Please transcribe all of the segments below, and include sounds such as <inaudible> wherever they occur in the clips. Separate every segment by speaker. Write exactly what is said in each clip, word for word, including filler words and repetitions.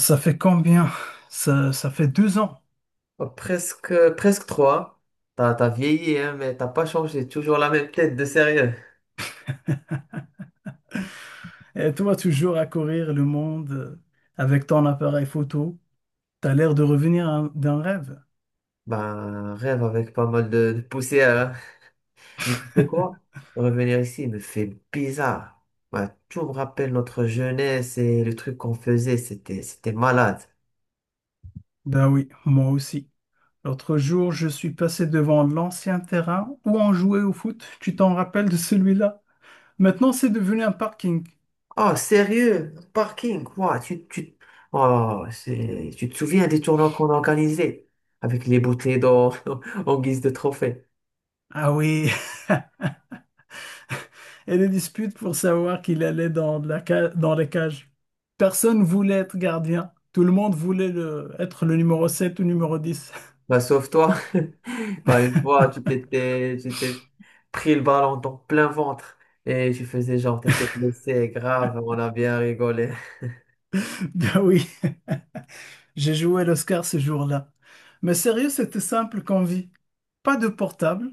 Speaker 1: Ça fait combien? Ça, ça fait deux ans.
Speaker 2: Oh, presque, presque trois. T'as, t'as vieilli, hein, mais t'as pas changé. Toujours la même tête de sérieux.
Speaker 1: Et toi, toujours à courir le monde euh, avec ton appareil photo. T'as l'air de revenir un- d'un rêve.
Speaker 2: Ben, rêve avec pas mal de, de poussière, hein. Mais tu sais quoi? Revenir ici me fait bizarre. Ben, tout me rappelle notre jeunesse et le truc qu'on faisait. C'était, c'était malade.
Speaker 1: Ben oui, moi aussi. L'autre jour, je suis passé devant l'ancien terrain où on jouait au foot. Tu t'en rappelles de celui-là? Maintenant, c'est devenu un parking.
Speaker 2: Oh, sérieux? Parking, quoi? Tu, tu, oh, c'est, tu te souviens des tournois qu'on organisait avec les bouteilles d'or <laughs> en guise de trophée?
Speaker 1: Ah oui, <laughs> et les disputes pour savoir qu'il allait dans la ca- dans les cages. Personne voulait être gardien. Tout le monde voulait le- être le numéro sept ou numéro dix.
Speaker 2: Bah sauve-toi. <laughs> Pas une fois, tu t'étais, tu t'es pris le ballon dans plein ventre et tu faisais genre, t'étais blessé, grave, on a bien rigolé.
Speaker 1: <laughs> Ben oui. J'ai joué l'Oscar ce jour-là. Mais sérieux, c'était simple comme vie. Pas de portable,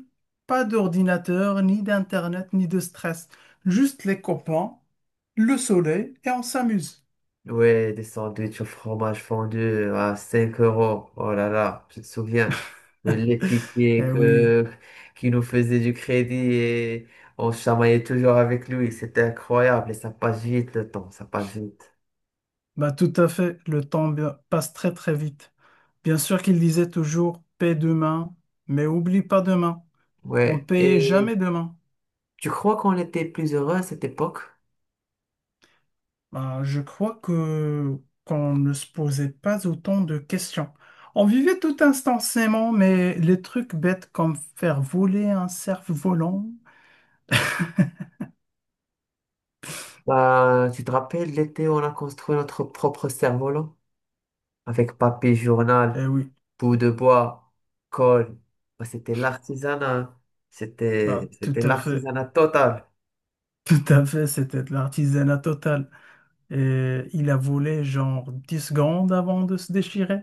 Speaker 1: pas d'ordinateur, ni d'internet, ni de stress. Juste les copains, le soleil et on s'amuse.
Speaker 2: Ouais, des sandwichs au fromage fondu à cinq euros. Oh là là, je te souviens de
Speaker 1: <laughs>
Speaker 2: l'épicier
Speaker 1: Eh oui,
Speaker 2: que, qui nous faisait du crédit et on se chamaillait toujours avec lui. C'était incroyable et ça passe vite le temps, ça passe vite.
Speaker 1: bah tout à fait, le temps bi- passe très très vite. Bien sûr qu'il disait toujours paie demain, mais oublie pas demain. On
Speaker 2: Ouais,
Speaker 1: payait
Speaker 2: et
Speaker 1: jamais demain.
Speaker 2: tu crois qu'on était plus heureux à cette époque?
Speaker 1: Bah, je crois que qu'on ne se posait pas autant de questions. On vivait tout instantanément, mais les trucs bêtes comme faire voler un cerf-volant,
Speaker 2: Bah, tu te rappelles, l'été, on a construit notre propre cerf-volant avec papier journal,
Speaker 1: eh oui,
Speaker 2: bout de bois, colle. Bah, c'était l'artisanat. C'était,
Speaker 1: bah, tout
Speaker 2: c'était
Speaker 1: à fait,
Speaker 2: l'artisanat total.
Speaker 1: <laughs> tout à fait, c'était de l'artisanat total. Et il a volé genre dix secondes avant de se déchirer.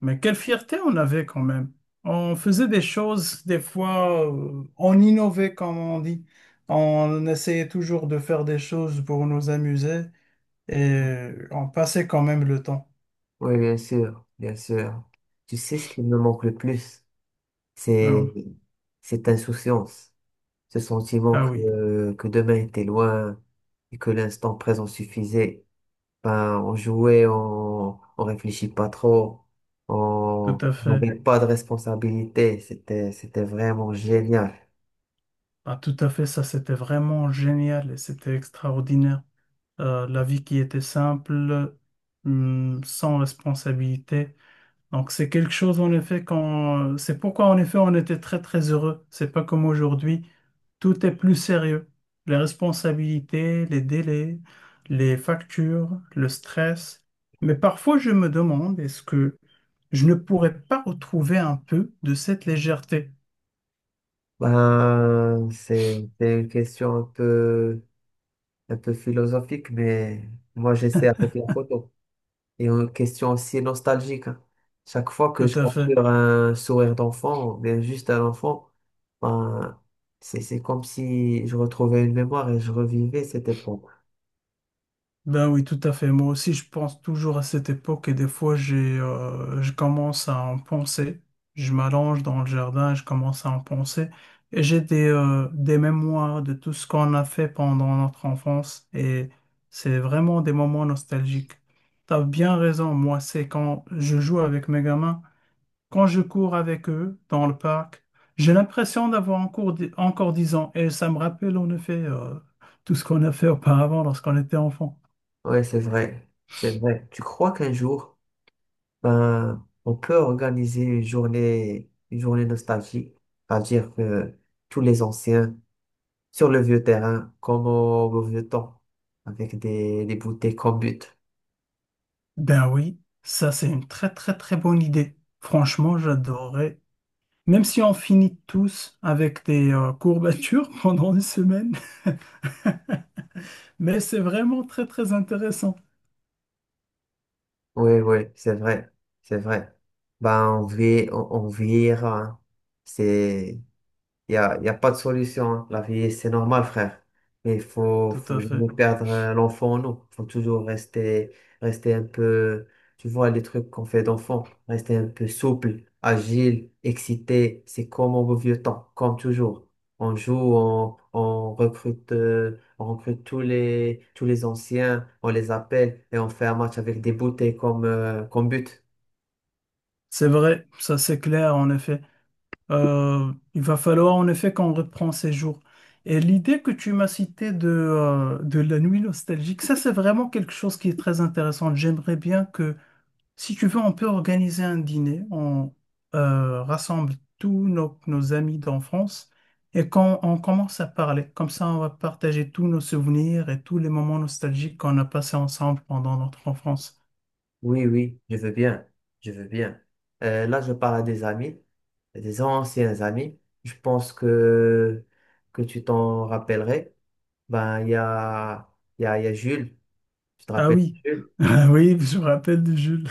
Speaker 1: Mais quelle fierté on avait quand même. On faisait des choses, des fois, euh, on innovait, comme on dit. On essayait toujours de faire des choses pour nous amuser. Et on passait quand même le temps.
Speaker 2: Oui, bien sûr, bien sûr. Tu sais ce qui me manque le plus,
Speaker 1: Ah oui.
Speaker 2: c'est cette insouciance, ce sentiment
Speaker 1: Ah oui,
Speaker 2: que, que demain était loin et que l'instant présent suffisait. Ben, on jouait, on, on réfléchit pas trop,
Speaker 1: tout
Speaker 2: on
Speaker 1: à
Speaker 2: on
Speaker 1: fait.
Speaker 2: n'avait pas de responsabilité. C'était, c'était vraiment génial.
Speaker 1: Ah, tout à fait, ça c'était vraiment génial et c'était extraordinaire. Euh, la vie qui était simple, hum, sans responsabilité. Donc c'est quelque chose en effet quand c'est pourquoi en effet on était très très heureux. C'est pas comme aujourd'hui. Tout est plus sérieux. Les responsabilités, les délais, les factures, le stress. Mais parfois, je me demande, est-ce que je ne pourrais pas retrouver un peu de cette légèreté?
Speaker 2: Ben, c'est c'est une question un peu, un peu philosophique, mais moi j'essaie avec la photo. Et une question aussi nostalgique, hein. Chaque fois que
Speaker 1: Tout
Speaker 2: je
Speaker 1: à fait.
Speaker 2: capture un sourire d'enfant, ou bien juste un enfant, ben, c'est, c'est comme si je retrouvais une mémoire et je revivais cette époque.
Speaker 1: Ben oui, tout à fait. Moi aussi, je pense toujours à cette époque et des fois, j'ai, euh, je commence à en penser. Je m'allonge dans le jardin, je commence à en penser. Et j'ai des, euh, des mémoires de tout ce qu'on a fait pendant notre enfance et c'est vraiment des moments nostalgiques. T'as bien raison, moi, c'est quand je joue avec mes gamins, quand je cours avec eux dans le parc, j'ai l'impression d'avoir encore, dix- encore 10 ans et ça me rappelle en effet, euh, tout ce qu'on a fait auparavant lorsqu'on était enfant.
Speaker 2: Ouais, c'est vrai. C'est vrai. Tu crois qu'un jour, ben, on peut organiser une journée, une journée nostalgique, c'est-à-dire que tous les anciens sur le vieux terrain, comme au, au vieux temps, avec des, des bouteilles comme but.
Speaker 1: Ben oui, ça c'est une très très très bonne idée. Franchement, j'adorerais. Même si on finit tous avec des euh, courbatures <laughs> pendant une semaine, <laughs> mais c'est vraiment très très intéressant.
Speaker 2: Oui, oui, c'est vrai. C'est vrai. Ben, on vit, on, on vieillira, hein. C'est, Il n'y a, y a pas de solution, hein. La vie, c'est normal, frère. Mais il faut,
Speaker 1: Tout
Speaker 2: faut
Speaker 1: à
Speaker 2: jamais
Speaker 1: fait.
Speaker 2: perdre euh, l'enfant en nous. Il faut toujours rester, rester un peu, tu vois, les trucs qu'on fait d'enfant. Rester un peu souple, agile, excité. C'est comme au vieux temps, comme toujours. On joue, on, on recrute, euh, on recrute tous les, tous les anciens, on les appelle et on fait un match avec des bouteilles comme, euh, comme but.
Speaker 1: C'est vrai, ça c'est clair en effet. Euh, il va falloir en effet qu'on reprend ces jours. Et l'idée que tu m'as citée de, euh, de la nuit nostalgique, ça c'est vraiment quelque chose qui est très intéressant. J'aimerais bien que. Si tu veux, on peut organiser un dîner. On euh, rassemble tous nos, nos amis d'enfance et quand on commence à parler, comme ça, on va partager tous nos souvenirs et tous les moments nostalgiques qu'on a passés ensemble pendant notre enfance.
Speaker 2: Oui, oui, je veux bien, je veux bien. Euh, là, je parle à des amis, des anciens amis. Je pense que, que tu t'en rappellerais. Ben, il y a, il y a, il y a Jules, tu te
Speaker 1: Ah
Speaker 2: rappelles de
Speaker 1: oui,
Speaker 2: Jules?
Speaker 1: <laughs> Ah oui, je me rappelle de Jules.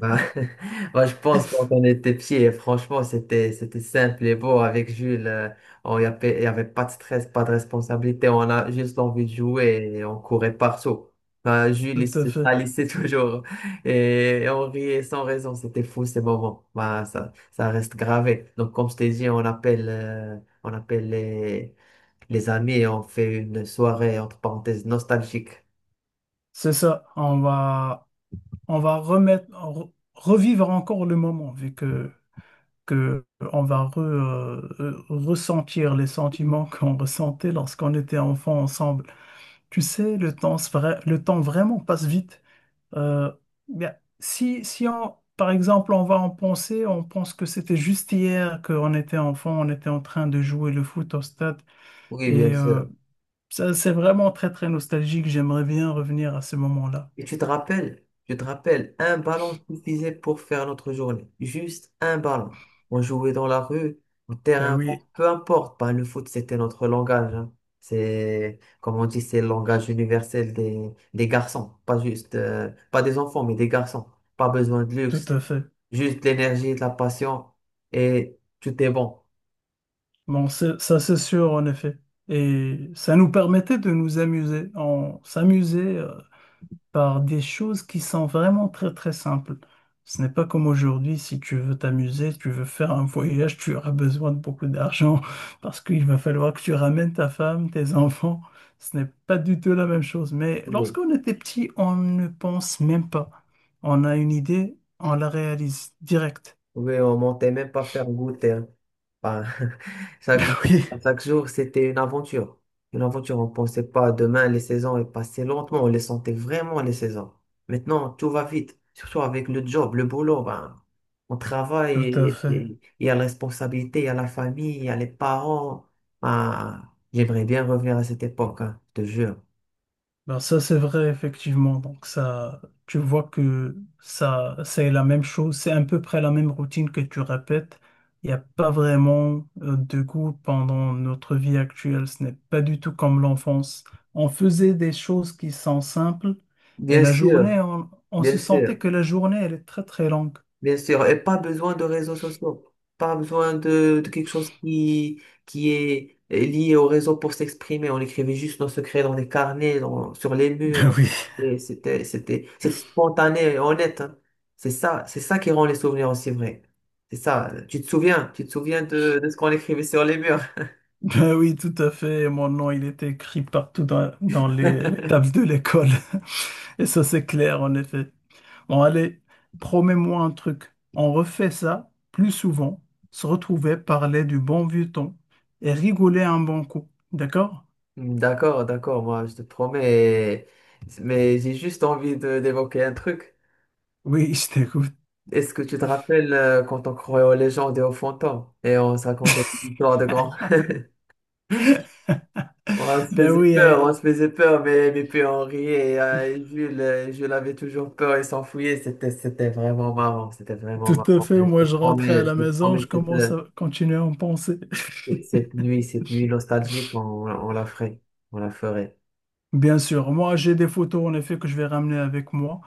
Speaker 2: Bah, <laughs> bah, je pense quand on était pieds, franchement, c'était, c'était simple et beau avec Jules, euh, on y avait, il y avait pas de stress, pas de responsabilité. On a juste envie de jouer et on courait partout. Bah,
Speaker 1: <laughs>
Speaker 2: Jules, il
Speaker 1: Tout à
Speaker 2: se
Speaker 1: fait.
Speaker 2: salissait <laughs> toujours et et on riait sans raison. C'était fou ces moments. Bah, ça, ça reste gravé. Donc, comme je t'ai dit, on appelle, euh, on appelle les, les amis et on fait une soirée, entre parenthèses, nostalgique.
Speaker 1: C'est ça. On va, on va remettre, re- revivre encore le moment, vu que, que on va re- euh, ressentir les sentiments <laughs> qu'on ressentait lorsqu'on était enfant ensemble. Tu sais, le temps, se vra- le temps vraiment passe vite. Euh, bien, si, si on, par exemple, on va en penser, on pense que c'était juste hier qu'on était enfant, on était en train de jouer le foot au stade.
Speaker 2: Oui, bien
Speaker 1: Et euh,
Speaker 2: sûr.
Speaker 1: ça, c'est vraiment très, très nostalgique. J'aimerais bien revenir à ce moment-là.
Speaker 2: Et tu te rappelles, je te rappelle, un ballon suffisait pour faire notre journée. Juste un ballon. On jouait dans la rue, au
Speaker 1: Ben
Speaker 2: terrain vague,
Speaker 1: oui,
Speaker 2: peu importe. Ben, le foot, c'était notre langage, hein. C'est, comme on dit, c'est le langage universel des, des garçons. Pas juste, euh, pas des enfants, mais des garçons. Pas besoin de
Speaker 1: tout
Speaker 2: luxe,
Speaker 1: à fait.
Speaker 2: juste l'énergie, de la passion et tout est bon.
Speaker 1: Bon, c'est- ça, c'est sûr, en effet. Et ça nous permettait de nous amuser. On s'amusait par des choses qui sont vraiment très très simples. Ce n'est pas comme aujourd'hui, si tu veux t'amuser, tu veux faire un voyage, tu auras besoin de beaucoup d'argent <laughs> parce qu'il va falloir que tu ramènes ta femme, tes <laughs> enfants. Ce n'est pas du tout la même chose. Mais
Speaker 2: Oui.
Speaker 1: lorsqu'on était petit, on ne pense même pas. On a une idée, on la réalise direct. <laughs>
Speaker 2: Oui, on montait même pas faire goûter, hein. Enfin, <laughs> chaque, jour-
Speaker 1: Oui,
Speaker 2: chaque jour, c'était une aventure. Une aventure, on pensait pas demain, les saisons elles passaient lentement, on les sentait vraiment, les saisons. Maintenant, tout va vite, surtout avec le job, le boulot. Ben, on travaille,
Speaker 1: tout à
Speaker 2: et-
Speaker 1: fait.
Speaker 2: et- il y a la responsabilité, il y a la famille, il y a les parents. Ben, j'aimerais bien revenir à cette époque, hein, je te jure.
Speaker 1: Ben ça c'est vrai effectivement, donc ça tu vois que ça c'est la même chose, c'est à peu près la même routine que tu répètes. Il n'y a pas vraiment euh, de goût pendant notre vie actuelle, ce n'est pas du tout comme l'enfance. On faisait des choses qui sont simples et
Speaker 2: Bien
Speaker 1: la
Speaker 2: sûr,
Speaker 1: journée on, on se
Speaker 2: bien
Speaker 1: sentait
Speaker 2: sûr.
Speaker 1: que la journée elle est très très longue.
Speaker 2: Bien sûr, et pas besoin de réseaux sociaux, pas besoin de, de quelque chose qui, qui est lié au réseau pour s'exprimer. On écrivait juste nos secrets dans des carnets, dans- sur les
Speaker 1: Ben
Speaker 2: murs.
Speaker 1: oui.
Speaker 2: Et c'était, c'était, c'était spontané et honnête, hein. C'est ça, c'est ça qui rend les souvenirs aussi vrais. C'est ça. Tu te souviens, tu te souviens de, de ce qu'on écrivait sur les murs.
Speaker 1: <laughs> Ben oui tout à fait, mon nom il était écrit partout dans, dans les les tables de l'école. Et ça, c'est clair, en effet. Bon, allez, promets-moi un truc. On refait ça plus souvent, se retrouver, parler du bon vieux temps et rigoler un bon coup. D'accord?
Speaker 2: <laughs> D'accord, d'accord, moi je te promets, mais j'ai juste envie de- d'évoquer un truc.
Speaker 1: Oui, je t'écoute.
Speaker 2: Est-ce que tu te rappelles euh, quand on croyait aux légendes et aux fantômes et on se racontait
Speaker 1: <laughs>
Speaker 2: des histoires de grands? <laughs> On se
Speaker 1: Ben
Speaker 2: faisait
Speaker 1: oui,
Speaker 2: peur,
Speaker 1: eh,
Speaker 2: on se faisait peur, mais, mais puis on riait. Et, euh, et Jules, euh, Jules avait toujours peur et s'enfuyait. C'était, c'était vraiment marrant, c'était vraiment
Speaker 1: tout à
Speaker 2: marrant.
Speaker 1: fait.
Speaker 2: Je te
Speaker 1: Moi, je rentrais à
Speaker 2: promets, je
Speaker 1: la
Speaker 2: te
Speaker 1: maison,
Speaker 2: promets
Speaker 1: je
Speaker 2: cette,
Speaker 1: commence
Speaker 2: euh,
Speaker 1: à continuer à en penser.
Speaker 2: cette nuit, cette nuit nostalgique, on, on la ferait, on la ferait.
Speaker 1: <laughs> Bien sûr, moi, j'ai des photos, en effet, que je vais ramener avec moi.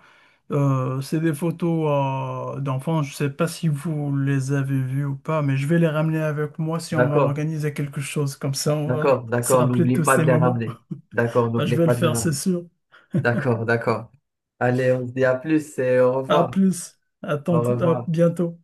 Speaker 1: Euh, c'est des photos euh, d'enfants. Je sais pas si vous les avez vues ou pas, mais je vais les ramener avec moi si on va
Speaker 2: D'accord,
Speaker 1: organiser quelque chose. Comme ça, on va
Speaker 2: d'accord,
Speaker 1: se
Speaker 2: d'accord.
Speaker 1: rappeler de
Speaker 2: N'oublie
Speaker 1: tous
Speaker 2: pas
Speaker 1: ces
Speaker 2: de les
Speaker 1: moments.
Speaker 2: ramener. D'accord,
Speaker 1: Bah, je
Speaker 2: n'oublie
Speaker 1: vais le
Speaker 2: pas de les
Speaker 1: faire, c'est
Speaker 2: ramener.
Speaker 1: sûr.
Speaker 2: D'accord, d'accord. Allez, on se dit à plus et au
Speaker 1: À
Speaker 2: revoir.
Speaker 1: plus. À
Speaker 2: Au
Speaker 1: tant- à
Speaker 2: revoir.
Speaker 1: bientôt.